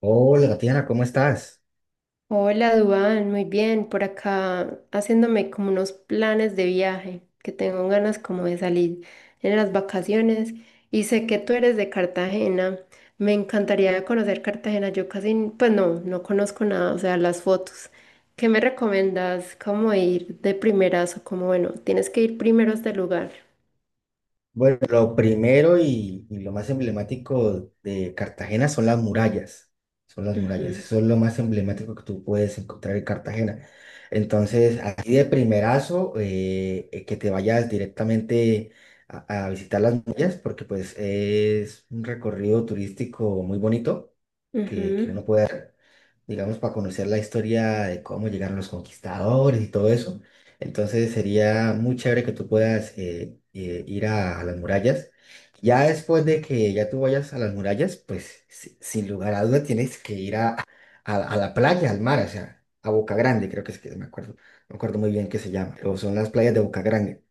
Hola, Tatiana, ¿cómo estás? Hola, Duván, muy bien. Por acá haciéndome como unos planes de viaje, que tengo ganas como de salir en las vacaciones. Y sé que tú eres de Cartagena. Me encantaría conocer Cartagena. Yo casi, no conozco nada, o sea, las fotos. ¿Qué me recomiendas? ¿Cómo ir de primeras o cómo, bueno, tienes que ir primero a este lugar? Bueno, lo primero y lo más emblemático de Cartagena son las murallas. Son las murallas. Ujú, Eso es lo más emblemático que tú puedes encontrar en Cartagena. Entonces, así de primerazo, que te vayas directamente a visitar las murallas, porque pues es un recorrido turístico muy bonito que ujú, uno puede hacer, digamos, para conocer la historia de cómo llegaron los conquistadores y todo eso. Entonces sería muy chévere que tú puedas ir a las murallas. Ya después de que ya tú vayas a las murallas, pues sin lugar a duda tienes que ir a la playa, al mar, o sea, a Boca Grande, creo que es que me acuerdo muy bien que se llama, o son las playas de Boca Grande,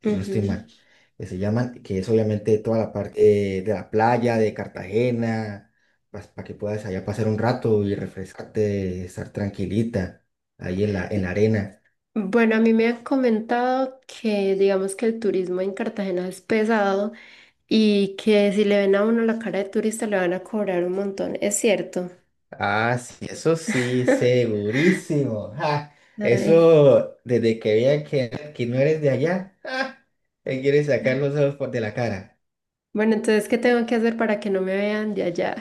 si no estoy ujú. mal, que se llaman, que es obviamente toda la parte de la playa, de Cartagena, para que puedas allá pasar un rato y refrescarte, estar tranquilita ahí en la arena. Bueno, a mí me han comentado que digamos que el turismo en Cartagena es pesado. Y que si le ven a uno la cara de turista le van a cobrar un montón. Es cierto. Ah, sí, eso sí, segurísimo. Ja, Ay. eso, desde que vean que no eres de allá, ja, te quieres sacar los ojos por de la cara. Bueno, entonces, ¿qué tengo que hacer para que no me vean de allá?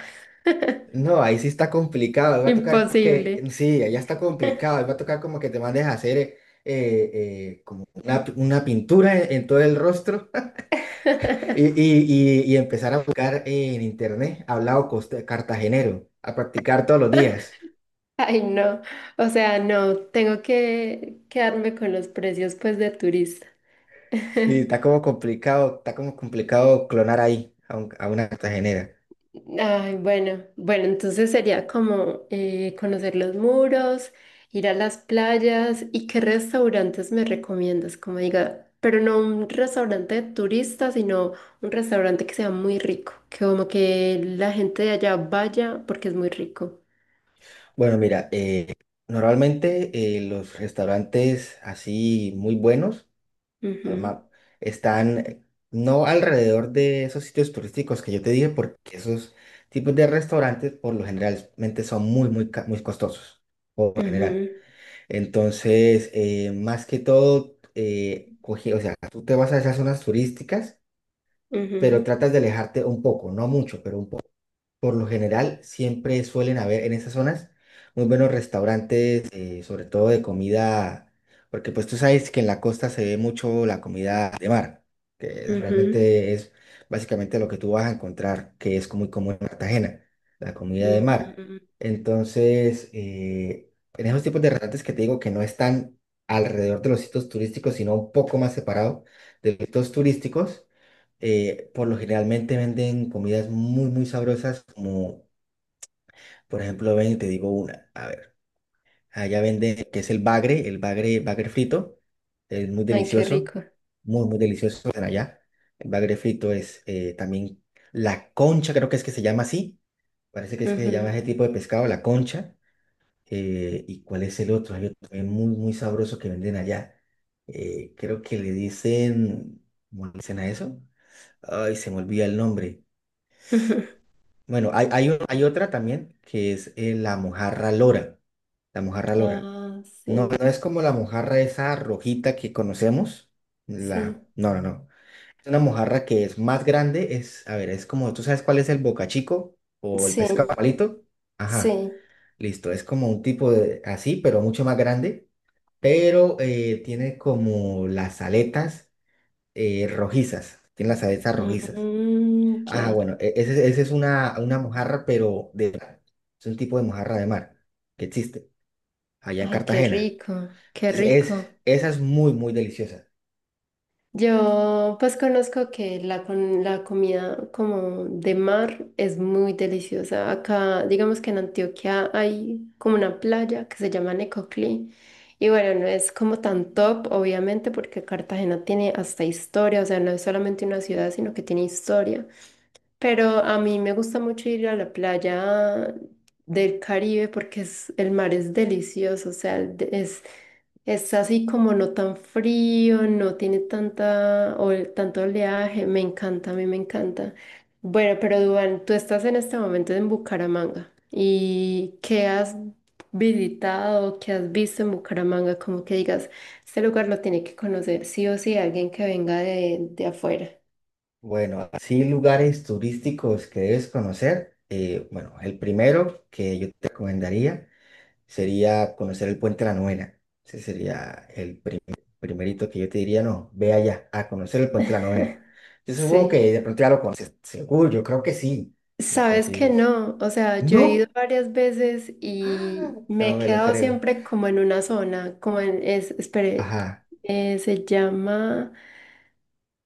No, ahí sí está complicado. Ahí va a tocar que, Imposible. sí, allá está complicado. Ahí va a tocar como que te mandes a hacer como una pintura en todo el rostro y empezar a buscar en internet hablado cartagenero, a practicar todos los días. Ay, no. O sea, no, tengo que quedarme con los precios pues de turista. Sí, está como complicado clonar ahí a una cartagenera. Ay, bueno, bueno, entonces sería como conocer los muros, ir a las playas y qué restaurantes me recomiendas, como diga, pero no un restaurante de turistas, sino un restaurante que sea muy rico, que como que la gente de allá vaya porque es muy rico. Bueno, mira, normalmente los restaurantes así muy buenos arma- Ujú, están no alrededor de esos sitios turísticos que yo te dije, porque esos tipos de restaurantes por lo generalmente son muy, muy, muy costosos, por lo general. ujú, Entonces, más que todo, o sea, tú te vas a esas zonas turísticas, pero ujú, tratas de alejarte un poco, no mucho, pero un poco. Por lo general, siempre suelen haber en esas zonas muy buenos restaurantes, sobre todo de comida, porque pues tú sabes que en la costa se ve mucho la comida de mar, que ujú, realmente es básicamente lo que tú vas a encontrar, que es muy común en Cartagena, la comida de ujú, mar. ujú. Entonces, en esos tipos de restaurantes que te digo que no están alrededor de los sitios turísticos, sino un poco más separado de los sitios turísticos, por lo generalmente venden comidas muy, muy sabrosas, como por ejemplo, ven y te digo una, a ver, allá venden, que es el bagre, bagre frito, es muy Ay, qué delicioso, rico. muy, muy delicioso están allá. El bagre frito es también la concha, creo que es que se llama así, parece que es Ujú, que se llama ujú. ese tipo de pescado, la concha. ¿Y cuál es el otro? Hay otro también muy, muy sabroso que venden allá. Creo que le dicen, ¿cómo le dicen a eso? Ay, se me olvida el nombre. Bueno, hay otra también que es la mojarra lora. La mojarra lora. Ah, sí, No, no es como la mojarra esa rojita que conocemos. La... sí, No, no, no. Es una mojarra que es más grande. Es, a ver, es como, ¿tú sabes cuál es el bocachico o el sí, pescado palito? Ajá, sí. listo. Es como un tipo de así, pero mucho más grande. Pero tiene como las aletas rojizas. Tiene las aletas rojizas. Mm, Ah, ya. bueno, ese es una mojarra, pero de mar. Es un tipo de mojarra de mar que existe allá en Ay, qué Cartagena. rico, qué Es, es- rico. esa es muy, muy deliciosa. Yo pues conozco que la comida como de mar es muy deliciosa. Acá, digamos que en Antioquia hay como una playa que se llama Necoclí. Y bueno, no es como tan top, obviamente, porque Cartagena tiene hasta historia, o sea, no es solamente una ciudad, sino que tiene historia. Pero a mí me gusta mucho ir a la playa del Caribe porque es, el mar es delicioso, o sea, es así como no tan frío, no tiene tanta, o tanto oleaje, me encanta, a mí me encanta. Bueno, pero Duván, tú estás en este momento en Bucaramanga y ¿qué has visitado, qué has visto en Bucaramanga? Como que digas, este lugar lo tiene que conocer sí o sí alguien que venga de afuera. Bueno, así lugares turísticos que debes conocer. Eh, bueno, el primero que yo te recomendaría sería conocer el Puente de la Novena. Ese sería el primerito que yo te diría, no, ve allá a conocer el Puente de la Novena. Yo supongo Sí. que de pronto ya lo conoces. Seguro, yo creo que sí. Pues Sabes que sí. no, o sea, yo he ido No. varias veces Ah, y me no he me lo quedado creo. siempre como en una zona, espere, Ajá, se llama,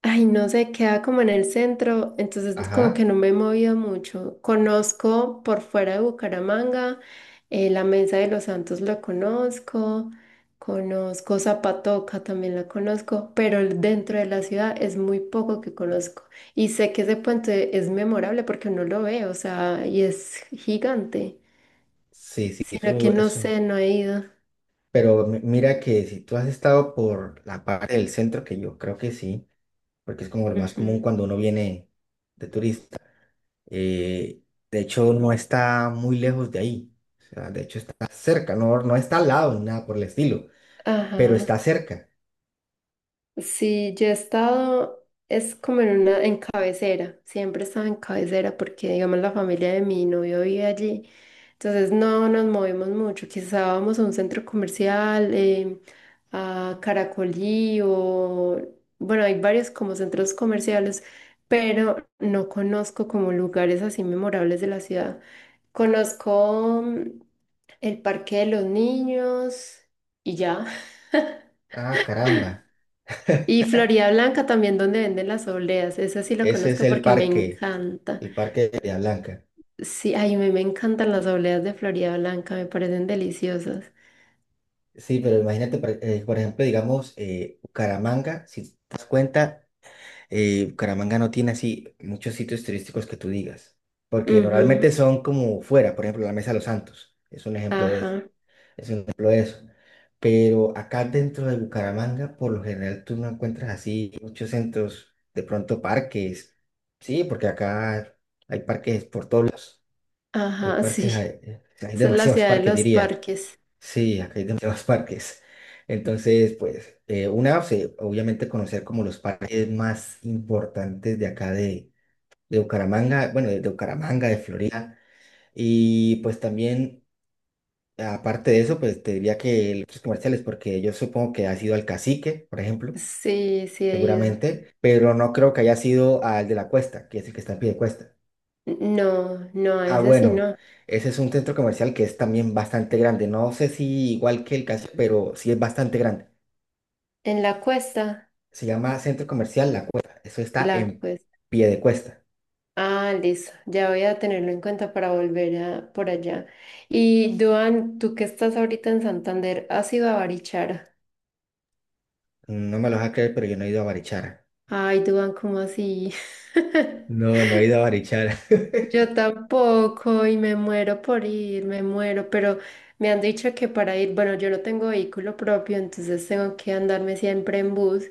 ay, no sé, queda como en el centro, entonces como que ajá. no me he movido mucho. Conozco por fuera de Bucaramanga, la Mesa de los Santos la conozco, conozco Zapatoca también la conozco, pero dentro de la ciudad es muy poco que conozco. Y sé que ese puente es memorable porque uno lo ve, o sea, y es gigante, Sí, sí, sino que eso, no eso. sé, no he ido. Pero mira que si tú has estado por la parte del centro, que yo creo que sí, porque es como lo más común Ujú. cuando uno viene de turista. Eh, de hecho, no está muy lejos de ahí. O sea, de hecho está cerca, no, no está al lado ni nada por el estilo, pero está Ajá. cerca. Sí, yo he estado, es como en una, en cabecera, siempre estaba en cabecera porque, digamos, la familia de mi novio vive allí, entonces no nos movemos mucho, quizá vamos a un centro comercial, a Caracolí o, bueno, hay varios como centros comerciales, pero no conozco como lugares así memorables de la ciudad. Conozco mm, el Parque de los Niños y ya. Ah, caramba. Y Florida Blanca también, donde venden las obleas. Esa sí la Ese es conozco porque me encanta. el parque de Bahía Blanca. Sí, ay, me encantan las obleas de Florida Blanca, me parecen deliciosas. Sí, pero imagínate, por ejemplo, digamos, Bucaramanga, si te das cuenta, Bucaramanga no tiene así muchos sitios turísticos que tú digas, porque Ujú, normalmente son como fuera, por ejemplo, la Mesa de los Santos, es un ejemplo de eso, ajá, es un ejemplo de eso. Pero acá dentro de Bucaramanga, por lo general, tú no encuentras así muchos centros, de pronto parques, sí, porque acá hay parques por todos lados, hay ajá, sí. parques, hay Esa es la demasiados ciudad de parques, los diría. parques. Sí, acá hay demasiados parques. Entonces, pues, una, sí, obviamente conocer como los parques más importantes de acá de Bucaramanga, bueno, de Bucaramanga, de Florida. Y pues también, aparte de eso, pues te diría que los comerciales, porque yo supongo que ha sido al Cacique, por ejemplo, Sí, sí he ido. seguramente, pero no creo que haya sido al de la Cuesta, que es el que está en pie de cuesta. No, no, a Ah, esa sí bueno, no. ese es un centro comercial que es también bastante grande. No sé si igual que el Cacique, pero sí es bastante grande. En la cuesta, Se llama Centro Comercial La Cueva. Eso está la en cuesta. pie de cuesta. Ah, listo. Ya voy a tenerlo en cuenta para volver a, por allá. Y Duan, tú que estás ahorita en Santander, ¿has ido a Barichara? No me lo vas a creer, pero yo no he ido a Barichara. Ay, Duan, ¿cómo así? No, no he ido a Barichara. Yo tampoco y me muero por ir, me muero, pero me han dicho que para ir, bueno, yo no tengo vehículo propio, entonces tengo que andarme siempre en bus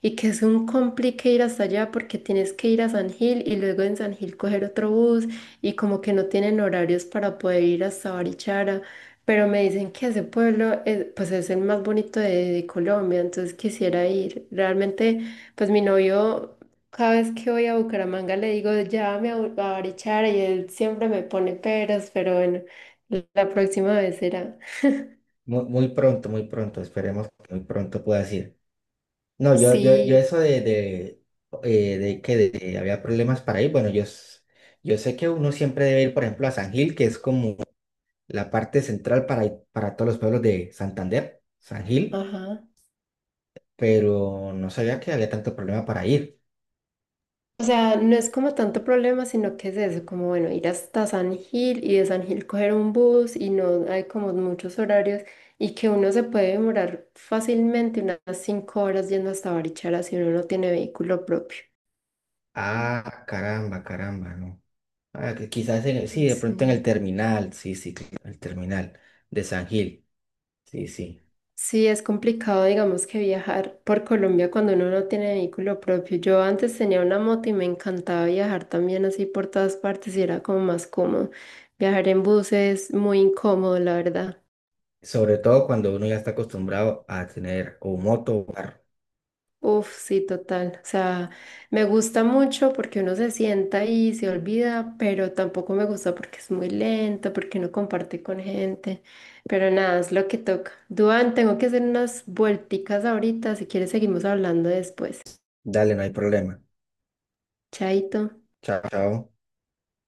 y que es un complique ir hasta allá porque tienes que ir a San Gil y luego en San Gil coger otro bus y como que no tienen horarios para poder ir hasta Barichara, pero me dicen que ese pueblo es, pues es el más bonito de Colombia, entonces quisiera ir. Realmente, pues mi novio... Cada vez que voy a Bucaramanga le digo, llévame a, a Barichara y él siempre me pone peros, pero bueno, la próxima vez será. Muy, pronto, muy pronto. Esperemos que muy pronto pueda ir. No, yo Sí, eso de, de que de había problemas para ir. Bueno, yo sé que uno siempre debe ir, por ejemplo, a San Gil, que es como la parte central para, para todos los pueblos de Santander, San Gil, ajá. pero no sabía que había tanto problema para ir. O sea, no es como tanto problema, sino que es eso, como bueno, ir hasta San Gil y de San Gil coger un bus y no hay como muchos horarios y que uno se puede demorar fácilmente unas 5 horas yendo hasta Barichara si uno no tiene vehículo propio. Ah, caramba, caramba, ¿no? Ah, que quizás en sí, de pronto en el Sí. terminal, sí, sí, el terminal de San Gil, sí, sí. Sí, es complicado, digamos, que viajar por Colombia cuando uno no tiene vehículo propio. Yo antes tenía una moto y me encantaba viajar también así por todas partes y era como más cómodo. Viajar en bus es muy incómodo, la verdad. Sobre todo cuando uno ya está acostumbrado a tener o moto o carro. Uf, sí, total. O sea, me gusta mucho porque uno se sienta y se olvida, pero tampoco me gusta porque es muy lento, porque no comparte con gente. Pero nada, es lo que toca. Duan, tengo que hacer unas vuelticas ahorita. Si quieres, seguimos hablando después. Dale, no hay problema. Chaito. Chao, chao.